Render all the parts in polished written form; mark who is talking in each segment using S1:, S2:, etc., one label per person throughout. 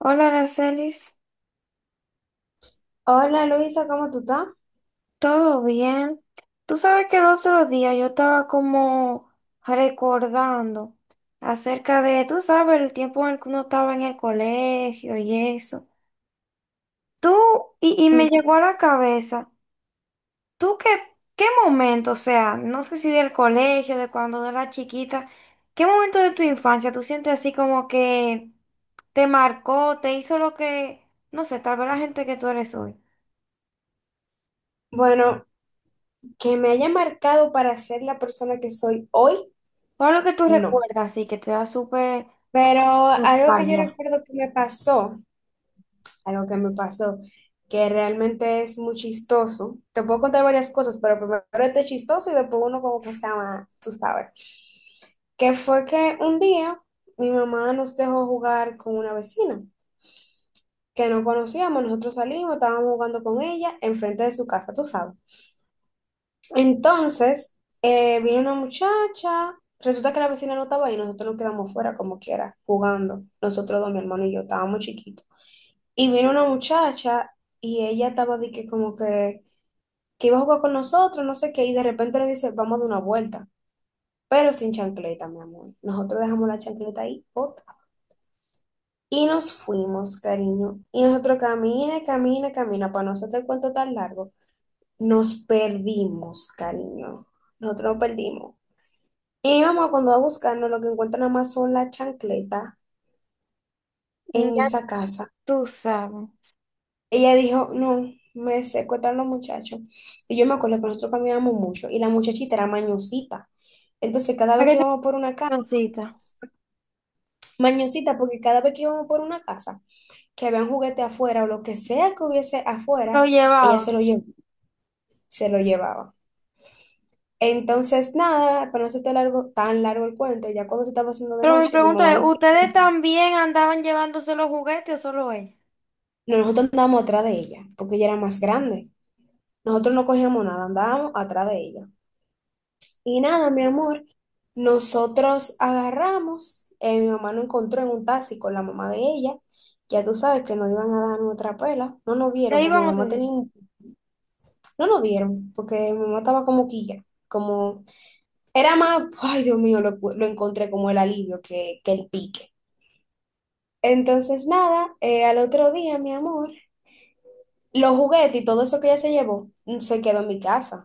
S1: Hola, Aracelis,
S2: Hola Luisa, ¿cómo tú estás?
S1: ¿todo bien? Tú sabes que el otro día yo estaba como recordando acerca de, tú sabes, el tiempo en el que uno estaba en el colegio y eso. Tú, y me llegó a
S2: Mm,
S1: la cabeza, ¿tú qué, qué momento, o sea, no sé si del colegio, de cuando era chiquita, qué momento de tu infancia tú sientes así como que te marcó, te hizo lo que, no sé, tal vez la gente que tú eres hoy?
S2: bueno, que me haya marcado para ser la persona que soy hoy,
S1: ¿Cuál es lo que tú
S2: no.
S1: recuerdas así que te da súper
S2: Pero
S1: Los
S2: algo que yo recuerdo que me pasó, algo que me pasó, que realmente es muy chistoso. Te puedo contar varias cosas, pero primero este chistoso y después uno como que se llama, tú sabes. Que fue que un día mi mamá nos dejó jugar con una vecina que no conocíamos, nosotros salimos, estábamos jugando con ella enfrente de su casa, tú sabes. Entonces, vino una muchacha, resulta que la vecina no estaba ahí, nosotros nos quedamos fuera como quiera, jugando. Nosotros dos, mi hermano y yo, estábamos chiquitos. Y vino una muchacha y ella estaba de que como que iba a jugar con nosotros, no sé qué, y de repente le dice, vamos a dar una vuelta, pero sin chancleta, mi amor. Nosotros dejamos la chancleta ahí, otra. Y nos fuimos, cariño. Y nosotros camina, camina, camina, para nosotros el cuento tan largo. Nos perdimos, cariño. Nosotros nos perdimos. Y mi mamá cuando va buscando lo que encuentra nada más son las chancletas en
S1: Ya
S2: esa casa.
S1: tú sabes?
S2: Ella dijo, no, me secuestran los muchachos. Y yo me acuerdo que nosotros caminábamos mucho y la muchachita era mañosita. Entonces cada vez
S1: Aquí
S2: que
S1: te
S2: íbamos por una casa,
S1: cancioncita.
S2: mañosita, porque cada vez que íbamos por una casa, que había un juguete afuera o lo que sea que hubiese afuera,
S1: Lo
S2: ella se
S1: llevaba.
S2: lo llevó, se lo llevaba. Entonces, nada, para no hacerte largo, tan largo el cuento, ya cuando se estaba haciendo de
S1: Pero mi
S2: noche, mi
S1: pregunta
S2: mamá
S1: es,
S2: nos...
S1: ¿ustedes también andaban llevándose los juguetes o solo ella?
S2: Nosotros andábamos atrás de ella, porque ella era más grande. Nosotros no cogíamos nada, andábamos atrás de ella. Y nada, mi amor, nosotros agarramos, mi mamá nos encontró en un taxi con la mamá de ella. Ya tú sabes que nos iban a dar nuestra pela. No nos
S1: Le
S2: dieron porque mi
S1: iban
S2: mamá
S1: ustedes.
S2: tenía, no nos dieron porque mi mamá estaba como quilla, como era más, ay Dios mío, lo encontré como el alivio que el pique. Entonces nada, al otro día, mi amor, los juguetes y todo eso que ella se llevó se quedó en mi casa.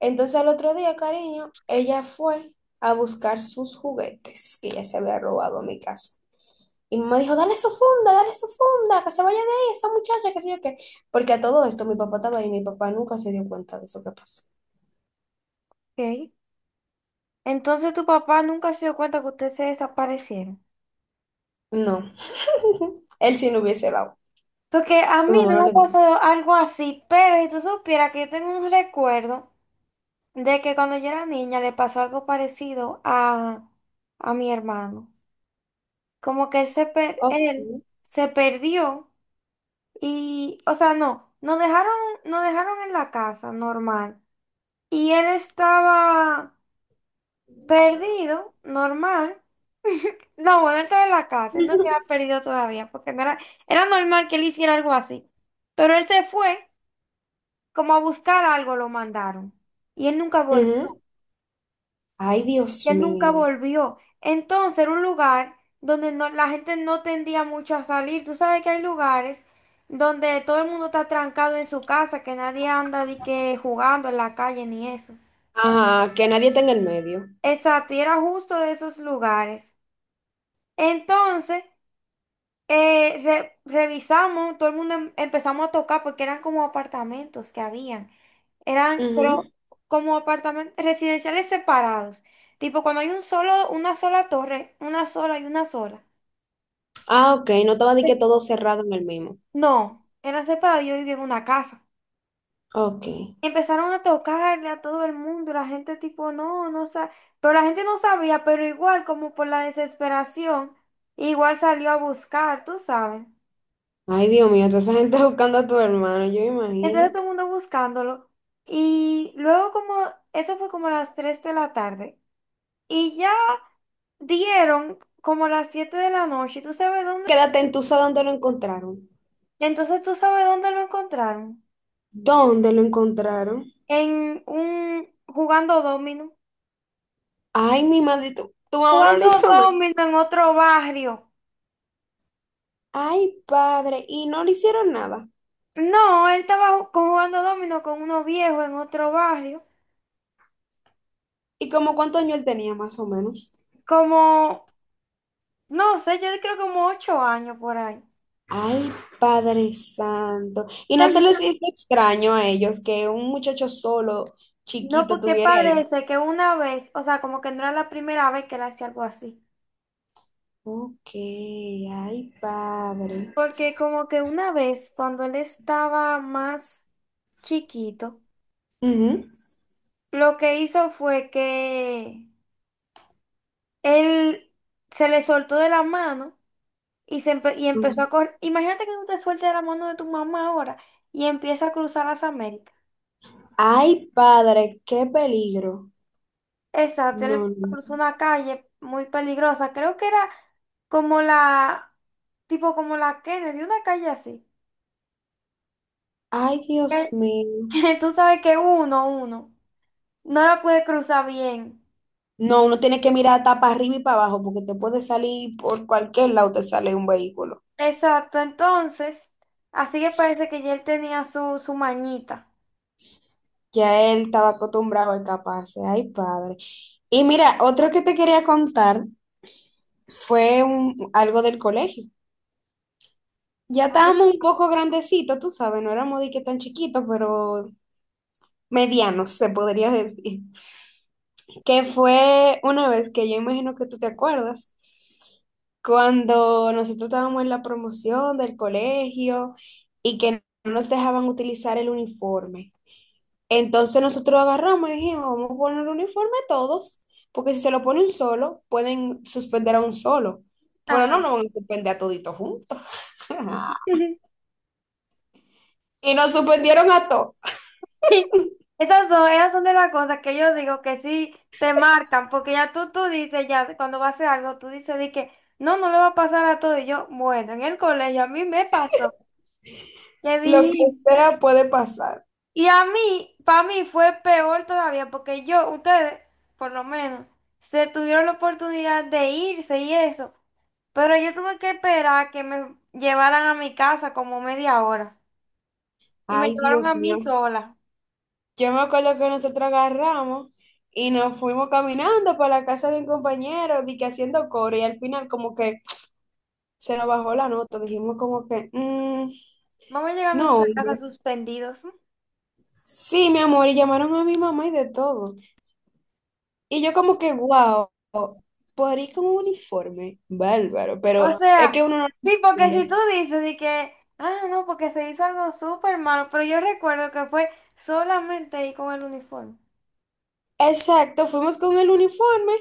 S2: Entonces al otro día, cariño, ella fue a buscar sus juguetes que ella se había robado a mi casa. Y mi mamá dijo, dale su funda, que se vaya de ahí esa muchacha, que sé yo qué. Porque a todo esto mi papá estaba ahí y mi papá nunca se dio cuenta de eso que pasó.
S1: Ok. Entonces tu papá nunca se dio cuenta que ustedes se desaparecieron.
S2: No, él sí no hubiese dado.
S1: Porque a
S2: Mi
S1: mí
S2: mamá
S1: no me
S2: no
S1: ha
S2: le dijo.
S1: pasado algo así, pero si tú supieras que yo tengo un recuerdo de que cuando yo era niña le pasó algo parecido a mi hermano. Como que él se,
S2: Ok.
S1: él se perdió. Y, o sea, no, nos dejaron en la casa, normal. Y él estaba perdido, normal. No, bueno, él estaba en la casa, él no se había perdido todavía, porque no era, era normal que él hiciera algo así. Pero él se fue, como a buscar algo, lo mandaron. Y él nunca volvió.
S2: Ujú. Ay, Dios
S1: Ya nunca
S2: mío.
S1: volvió. Entonces era un lugar donde no, la gente no tendía mucho a salir. Tú sabes que hay lugares donde todo el mundo está trancado en su casa, que nadie anda de que jugando en la calle ni eso.
S2: Ajá, que nadie está en el medio.
S1: Exacto, y era justo de esos lugares. Entonces, revisamos, todo el mundo empezamos a tocar porque eran como apartamentos que habían. Eran, pero
S2: Ujú.
S1: como apartamentos residenciales separados. Tipo, cuando hay un solo, una sola torre, una sola y una sola.
S2: Ah, ok, no estaba de que todo cerrado en el mismo.
S1: No, era separado, yo vivía en una casa.
S2: Ok.
S1: Empezaron a tocarle a todo el mundo, la gente tipo, no, no sabe, pero la gente no sabía, pero igual como por la desesperación, igual salió a buscar, tú sabes.
S2: Ay, Dios mío, toda esa gente buscando a tu hermano, yo
S1: Entonces
S2: imagino.
S1: todo el mundo buscándolo. Y luego como, eso fue como a las 3 de la tarde. Y ya dieron como a las 7 de la noche, ¿tú sabes dónde?
S2: Quédate en tu dónde lo encontraron.
S1: Entonces tú sabes dónde lo encontraron.
S2: ¿Dónde lo encontraron?
S1: En un, jugando dominó.
S2: Ay, mi madre, tu mamá no le
S1: Jugando
S2: hizo nada.
S1: domino en otro barrio.
S2: Ay, padre, y no le hicieron nada.
S1: No, él estaba jugando domino con unos viejos en otro barrio.
S2: ¿Y como cuántos años él tenía, más o menos?
S1: Como, no sé, yo creo como ocho años por ahí.
S2: Ay, Padre Santo. ¿Y no se les hizo extraño a ellos que un muchacho solo,
S1: No,
S2: chiquito,
S1: porque
S2: tuviera ahí?
S1: parece que una vez, o sea, como que no era la primera vez que él hacía algo así.
S2: Ok, ay, padre.
S1: Porque como que una vez, cuando él estaba más chiquito,
S2: Ujú.
S1: lo que hizo fue que él se le soltó de la mano. Y, y empezó a correr. Imagínate que tú te sueltes de la mano de tu mamá ahora y empieza a cruzar las Américas.
S2: Ay, padre, qué peligro.
S1: Exacto, él
S2: No,
S1: empezó a
S2: no.
S1: cruzar
S2: No.
S1: una calle muy peligrosa. Creo que era como la, tipo como la Kennedy, una calle así.
S2: Ay, Dios
S1: Que,
S2: mío.
S1: tú sabes que uno, no la puede cruzar bien.
S2: No, uno tiene que mirar tapa arriba y para abajo porque te puede salir por cualquier lado, te sale un vehículo.
S1: Exacto, entonces, así que parece que ya él tenía su, su mañita.
S2: Ya él estaba acostumbrado a escaparse. Ay, padre. Y mira, otro que te quería contar fue algo del colegio. Ya
S1: Así
S2: estábamos un
S1: que-
S2: poco grandecitos, tú sabes, no éramos de que tan chiquitos, pero medianos, se podría decir. Que fue una vez que yo imagino que tú te acuerdas, cuando nosotros estábamos en la promoción del colegio y que no nos dejaban utilizar el uniforme. Entonces nosotros agarramos y dijimos, vamos a poner el uniforme a todos, porque si se lo pone un solo, pueden suspender a un solo, pero no
S1: Ajá.
S2: nos van a suspender a toditos juntos. Y nos suspendieron a todos.
S1: Esas son de las cosas que yo digo que sí te marcan, porque ya tú dices, ya cuando va a hacer algo, tú dices de que no, no le va a pasar a todo. Y yo, bueno, en el colegio a mí me pasó, que
S2: Lo que
S1: dije,
S2: sea puede pasar.
S1: y a mí, para mí fue peor todavía, porque yo, ustedes, por lo menos, se tuvieron la oportunidad de irse y eso, pero yo tuve que esperar que me llevaran a mi casa como media hora, y me
S2: Ay,
S1: llevaron a
S2: Dios
S1: mí
S2: mío.
S1: sola.
S2: Yo me acuerdo que nosotros agarramos y nos fuimos caminando para la casa de un compañero, di que haciendo coro, y al final como que se nos bajó la nota, dijimos como que, "Mm,
S1: Vamos a llegar a
S2: no,
S1: nuestra casa
S2: hombre".
S1: suspendidos.
S2: Sí, mi amor, y llamaron a mi mamá y de todo. Y yo como que, wow, por ir con un uniforme, bárbaro,
S1: O
S2: pero
S1: sea,
S2: es que uno no lo
S1: sí, porque si
S2: entendía.
S1: tú dices de que, ah, no, porque se hizo algo súper malo, pero yo recuerdo que fue solamente ahí con el uniforme.
S2: Exacto, fuimos con el uniforme,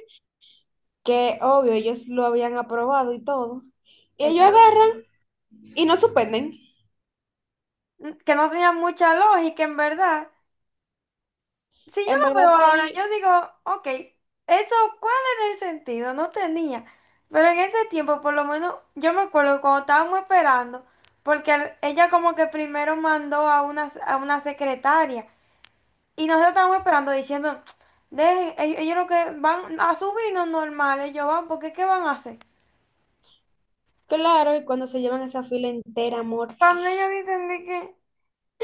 S2: que obvio ellos lo habían aprobado y todo. Y
S1: Ese
S2: ellos
S1: era un
S2: agarran
S1: asunto.
S2: y nos suspenden.
S1: Mm, que no tenía mucha lógica, en verdad. Si yo
S2: En
S1: lo veo
S2: verdad,
S1: ahora,
S2: ahí
S1: yo digo, ok, eso, ¿cuál era el sentido? No tenía. Pero en ese tiempo, por lo menos, yo me acuerdo que cuando estábamos esperando, porque ella como que primero mandó a una secretaria. Y nosotros estábamos esperando diciendo, de ellos, ellos lo que van a subirnos normal, ellos van, porque ¿qué van a hacer?
S2: claro, y cuando se llevan esa fila entera, amor.
S1: Cuando ellos dicen de que,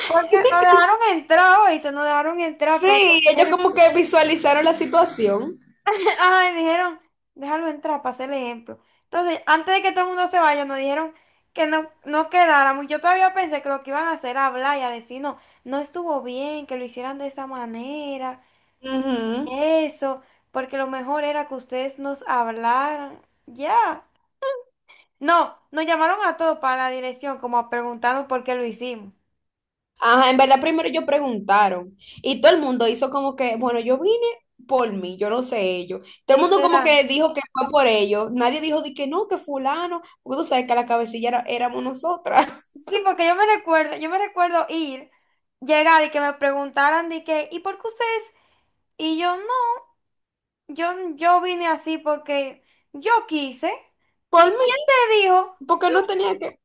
S1: porque nos dejaron entrar, oíste, nos dejaron entrar para
S2: Sí, ellos
S1: el-
S2: como que visualizaron la situación.
S1: Ajá, y dijeron, déjalo entrar para hacer el ejemplo. Entonces, antes de que todo el mundo se vaya, nos dijeron que no, no quedáramos. Yo todavía pensé que lo que iban a hacer era hablar y a decir, no, no estuvo bien que lo hicieran de esa manera,
S2: Ujú.
S1: eso, porque lo mejor era que ustedes nos hablaran. Ya. No, nos llamaron a todos para la dirección, como preguntando por qué lo hicimos.
S2: Ajá, en verdad primero ellos preguntaron y todo el mundo hizo como que, bueno, yo vine por mí, yo no sé ellos. Todo el mundo como
S1: Literal.
S2: que dijo que fue por ellos. Nadie dijo de que no, que fulano, porque tú sabes que la cabecilla éramos nosotras.
S1: Sí, porque yo me recuerdo ir, llegar y que me preguntaran de que, ¿y por qué ustedes? Y yo no, yo vine así porque yo quise.
S2: Por
S1: ¿Y
S2: mí,
S1: quién te dijo? Yo.
S2: porque no tenía que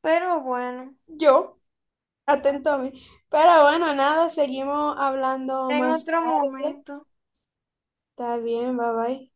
S1: Pero bueno,
S2: yo. Atento a mí. Pero bueno, nada, seguimos hablando
S1: en
S2: más
S1: otro
S2: tarde.
S1: momento.
S2: Está bien, bye bye.